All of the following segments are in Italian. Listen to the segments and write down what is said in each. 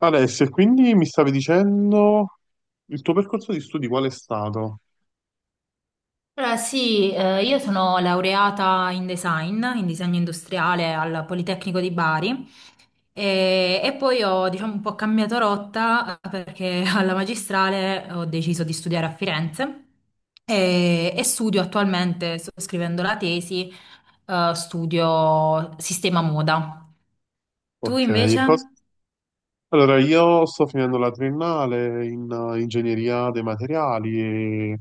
Alessia, quindi mi stavi dicendo il tuo percorso di studi qual è stato? Allora, sì, io sono laureata in design, in disegno industriale al Politecnico di Bari e, poi ho, diciamo, un po' cambiato rotta perché alla magistrale ho deciso di studiare a Firenze e, studio attualmente, sto scrivendo la tesi, studio sistema moda. Tu Ok, e invece? allora io sto finendo la triennale in ingegneria dei materiali e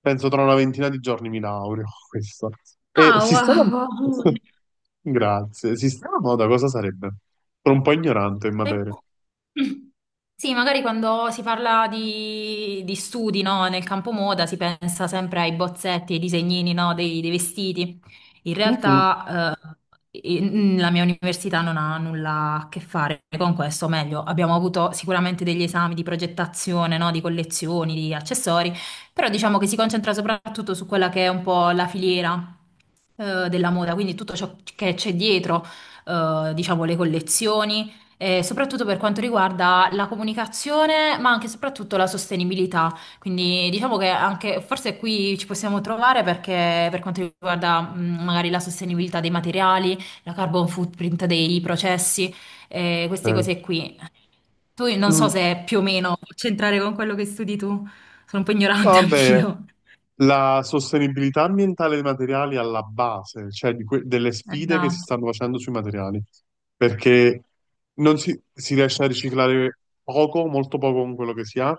penso tra una ventina di giorni mi laureo, questo. E Ah, sistema... wow! Grazie. Sistema moda cosa sarebbe? Sono un po' ignorante in materia. Sì, magari quando si parla di studi, no, nel campo moda si pensa sempre ai bozzetti, ai disegnini, no, dei vestiti. In Mhm. realtà, la mia università non ha nulla a che fare con questo, o meglio, abbiamo avuto sicuramente degli esami di progettazione, no, di collezioni, di accessori, però diciamo che si concentra soprattutto su quella che è un po' la filiera della moda, quindi tutto ciò che c'è dietro, diciamo, le collezioni, soprattutto per quanto riguarda la comunicazione, ma anche e soprattutto la sostenibilità. Quindi diciamo che anche forse qui ci possiamo trovare perché per quanto riguarda magari la sostenibilità dei materiali, la carbon footprint dei processi, queste Ok. cose qui. Tu non so Mm. se più o meno può c'entrare con quello che studi tu, sono un po' No, ignorante vabbè, anch'io. la sostenibilità ambientale dei materiali è alla base, cioè di delle sfide che si Esatto. stanno facendo sui materiali, perché non si, si riesce a riciclare poco, molto poco con quello che si ha,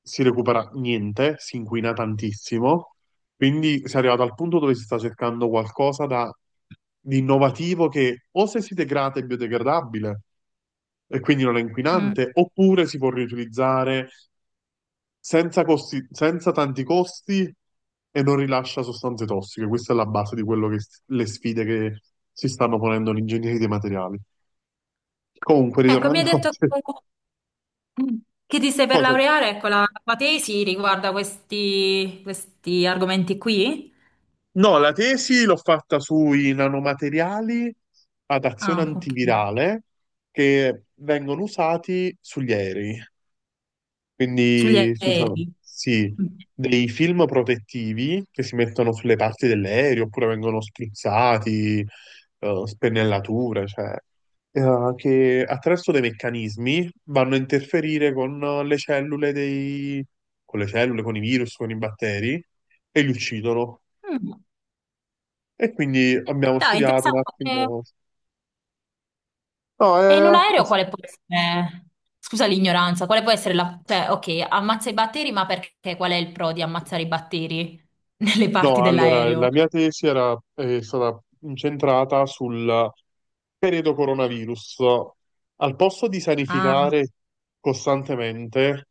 si recupera niente, si inquina tantissimo, quindi si è arrivato al punto dove si sta cercando qualcosa da, di innovativo che o se si degrada è biodegradabile e quindi non è Mm. inquinante, oppure si può riutilizzare senza tanti costi e non rilascia sostanze tossiche. Questa è la base di quello che le sfide che si stanno ponendo gli ingegneri dei materiali. Comunque, Ecco, mi hai ritornando a detto che ti stai per cose. laureare? Ecco, la tua tesi riguarda questi, questi argomenti qui? No, la tesi l'ho fatta sui nanomateriali ad azione Ah, ok. antivirale che vengono usati sugli aerei. Sugli Quindi si usano, aerei. sì, Mm. dei film protettivi che si mettono sulle parti dell'aereo oppure vengono spruzzati, spennellature, cioè, che attraverso dei meccanismi vanno a interferire con le cellule dei, con le cellule, con i virus, con i batteri e li uccidono. Mm. E quindi Eh, abbiamo dai, studiato un interessante. E attimo. No, in un è, aereo quale può essere? Scusa l'ignoranza, quale può essere la... Cioè, ok, ammazza i batteri, ma perché? Qual è il pro di ammazzare i batteri nelle parti No, allora, dell'aereo? la mia tesi era, è stata incentrata sul periodo coronavirus. Al posto di Ah, sanificare costantemente,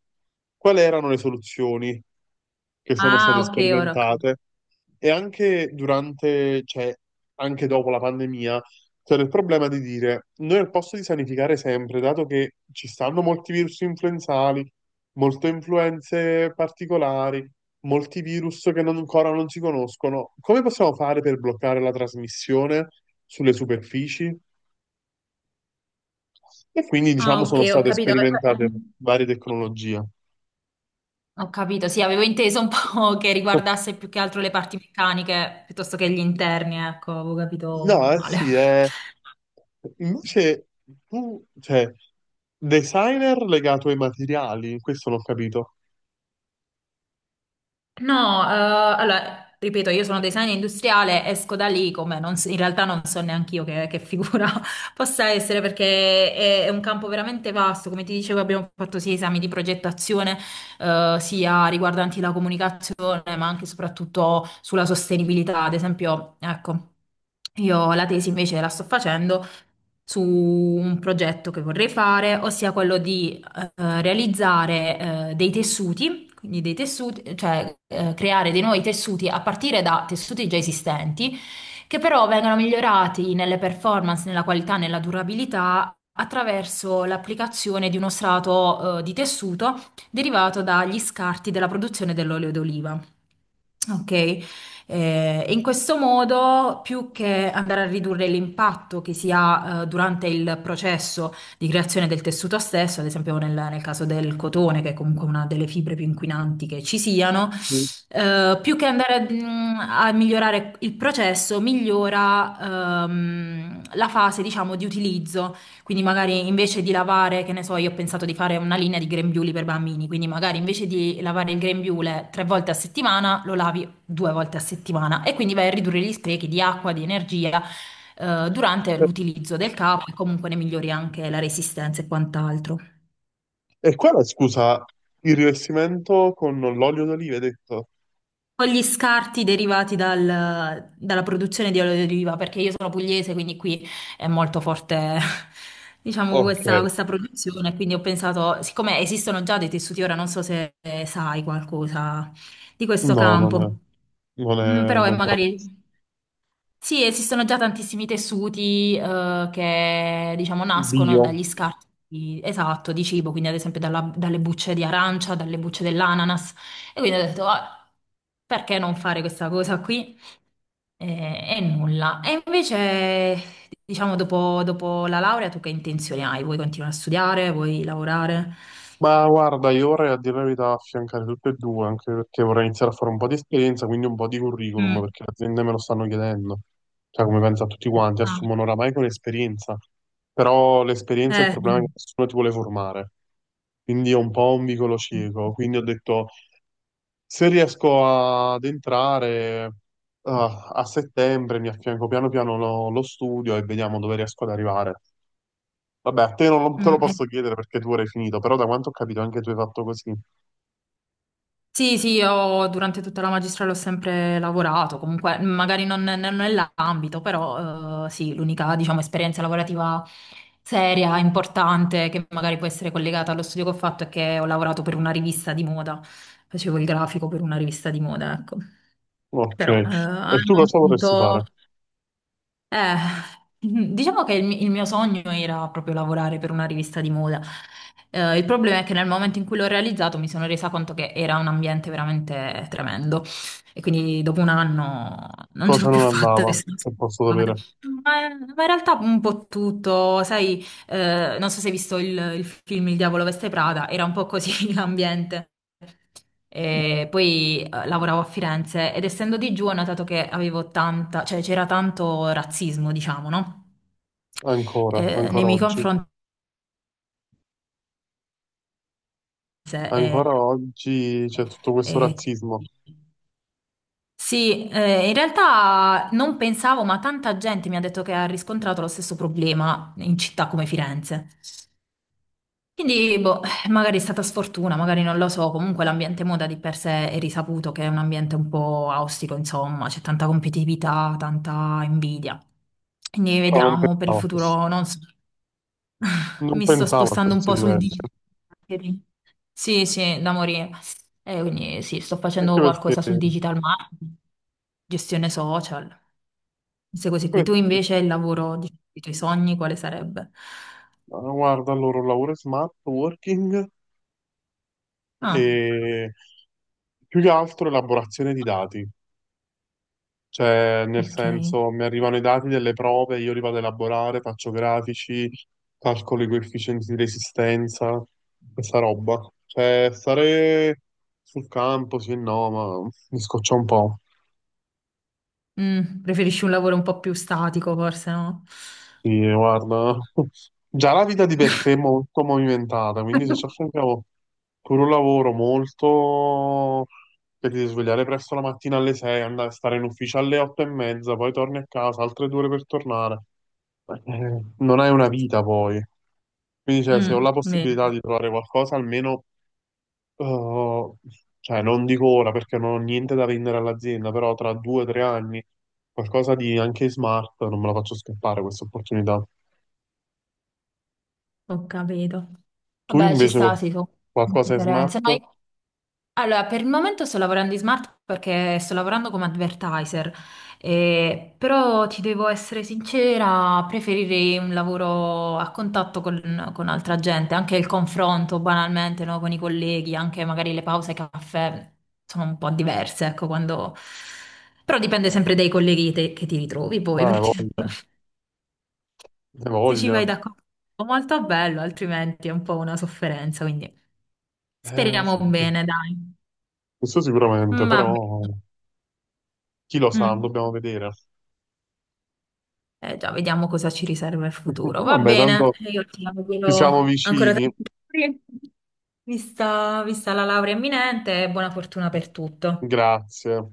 quali erano le soluzioni che sono ah, state ok, ora sperimentate? E anche durante, cioè, anche dopo la pandemia, c'era il problema di dire, noi al posto di sanificare sempre, dato che ci stanno molti virus influenzali, molte influenze particolari, molti virus che ancora non si conoscono, come possiamo fare per bloccare la trasmissione sulle superfici? E quindi, Ah, diciamo, ok, sono ho state capito. sperimentate varie tecnologie. Ho capito, sì, avevo inteso un po' che riguardasse più che altro le parti meccaniche piuttosto che gli interni, ecco, avevo No, capito eh male. sì, è... Invece tu, cioè, designer legato ai materiali, questo non ho capito. No, allora, ripeto, io sono designer industriale, esco da lì come non s- in realtà non so neanche io che figura possa essere perché è un campo veramente vasto. Come ti dicevo, abbiamo fatto sia esami di progettazione, sia riguardanti la comunicazione, ma anche e soprattutto sulla sostenibilità. Ad esempio, ecco, io la tesi invece la sto facendo su un progetto che vorrei fare, ossia quello di realizzare dei tessuti, quindi dei tessuti, cioè creare dei nuovi tessuti a partire da tessuti già esistenti, che però vengono migliorati nelle performance, nella qualità, nella durabilità attraverso l'applicazione di uno strato di tessuto derivato dagli scarti della produzione dell'olio d'oliva. Ok. E in questo modo, più che andare a ridurre l'impatto che si ha durante il processo di creazione del tessuto stesso, ad esempio nel caso del cotone, che è comunque una delle fibre più inquinanti che ci siano, Mm. Più che andare a, a migliorare il processo, migliora la fase, diciamo, di utilizzo. Quindi magari invece di lavare, che ne so, io ho pensato di fare una linea di grembiuli per bambini, quindi magari invece di lavare il grembiule tre volte a settimana, lo lavi due volte a settimana e quindi vai a ridurre gli sprechi di acqua, di energia durante E l'utilizzo del capo e comunque ne migliori anche la resistenza e quant'altro. e qua la scusa, il rivestimento con l'olio d'oliva, hai detto? Poi gli scarti derivati dalla produzione di olio di oliva, perché io sono pugliese, quindi qui è molto forte, diciamo, Ok, questa produzione, quindi ho pensato, siccome esistono già dei tessuti, ora non so se sai qualcosa di questo no, campo. non Mm, è però è roba magari... Sì, esistono già tantissimi tessuti che diciamo nascono bio. dagli esatto, di cibo, quindi ad esempio dalle bucce di arancia, dalle bucce dell'ananas. E quindi ho detto, "Ah, perché non fare questa cosa qui?" E nulla. E invece, diciamo, dopo, dopo la laurea, tu che intenzioni hai? Vuoi continuare a studiare? Vuoi lavorare? Ma guarda, io vorrei a dire la verità affiancare tutte e due, anche perché vorrei iniziare a fare un po' di esperienza, quindi un po' di curriculum, Mm. perché le aziende me lo stanno chiedendo. Cioè, come pensa tutti quanti, Ah. assumono oramai con l'esperienza, però l'esperienza è il problema è che Mm. nessuno ti vuole formare. Quindi è un po' un vicolo cieco. Quindi ho detto, se riesco ad entrare a settembre, mi affianco piano piano lo studio e vediamo dove riesco ad arrivare. Vabbè, a te non lo- te lo Mm, eh. posso chiedere perché tu ora hai finito, però da quanto ho capito anche tu hai fatto così. Sì, sì, io durante tutta la magistrale ho sempre lavorato, comunque magari non nell'ambito, però sì, l'unica, diciamo, esperienza lavorativa seria, importante, che magari può essere collegata allo studio che ho fatto è che ho lavorato per una rivista di moda, facevo il grafico per una rivista di moda, ecco. Ok, Però al e tu cosa vorresti momento... fare? Eh, diciamo che il mio sogno era proprio lavorare per una rivista di moda. Il problema è che nel momento in cui l'ho realizzato mi sono resa conto che era un ambiente veramente tremendo e quindi dopo un anno non ce Cosa l'ho più non fatta andava, e sono se scappata. posso sapere, Ma, ma in realtà un po' tutto, sai, non so se hai visto il film Il diavolo veste Prada, era un po' così l'ambiente. E poi lavoravo a Firenze ed essendo di giù ho notato che avevo tanta, cioè c'era tanto razzismo, diciamo, no? ancora, Nei ancora miei oggi? confronti. eh, Ancora oggi c'è tutto questo eh, razzismo, sì, in realtà non pensavo, ma tanta gente mi ha detto che ha riscontrato lo stesso problema in città come Firenze. Quindi, boh, magari è stata sfortuna, magari non lo so, comunque l'ambiente moda di per sé è risaputo che è un ambiente un po' ostico, insomma, c'è tanta competitività, tanta invidia. Quindi però non vediamo per il pensavo a questo, futuro, non so, non mi sto pensavo a spostando un questi po' sul livelli, eh. digital marketing. Sì, sì, da morire. Quindi sì, sto anche facendo perché, qualcosa sul digital marketing, gestione social, queste cose qui. anche Tu perché, invece il lavoro, diciamo, i tuoi sogni, quale sarebbe? ah, guarda, il loro lavoro è smart working Ah, e più che altro elaborazione di dati. Cioè, nel ok. senso, mi arrivano i dati delle prove, io li vado a elaborare, faccio grafici, calcolo i coefficienti di resistenza, questa roba. Cioè, stare sul campo, sì e no, ma mi scoccia un po'. Mm, preferisci un lavoro un po' più statico, forse, no? Sì, guarda, già la vita di per sé è molto movimentata, quindi se ci affianchiamo pure un lavoro molto... che ti devi svegliare presto la mattina alle 6, andare a stare in ufficio alle 8 e mezza, poi torni a casa, altre 2 ore per tornare. Non hai una vita poi. Quindi, cioè, se ho Mm, la vero, possibilità di trovare qualcosa, almeno, eh, cioè, non dico ora perché non ho niente da vendere all'azienda, però tra 2 o 3 anni, qualcosa di anche smart, non me la faccio scappare questa opportunità. ho capito. Tu Vabbè, ci invece sta, sì, tu. qualcosa è smart? Preferenze. No, io- Allora, per il momento sto lavorando in smart perché sto lavorando come advertiser, però ti devo essere sincera, preferirei un lavoro a contatto con altra gente, anche il confronto banalmente, no, con i colleghi, anche magari le pause caffè sono un po' diverse, ecco, quando... Però dipende sempre dai che ti ritrovi poi, Ah, hai perché voglia, hai se ci voglia. vai d'accordo è molto bello, altrimenti è un po' una sofferenza, quindi speriamo Sì, bene, dai. questo sicuramente, Va però bene. chi lo sa, Mm. dobbiamo vedere. Eh già, vediamo cosa ci riserva il futuro. Va Vabbè, bene, tanto io ti ci siamo auguro ancora vicini. tanti auguri, vista la laurea imminente e buona fortuna per tutto. Grazie.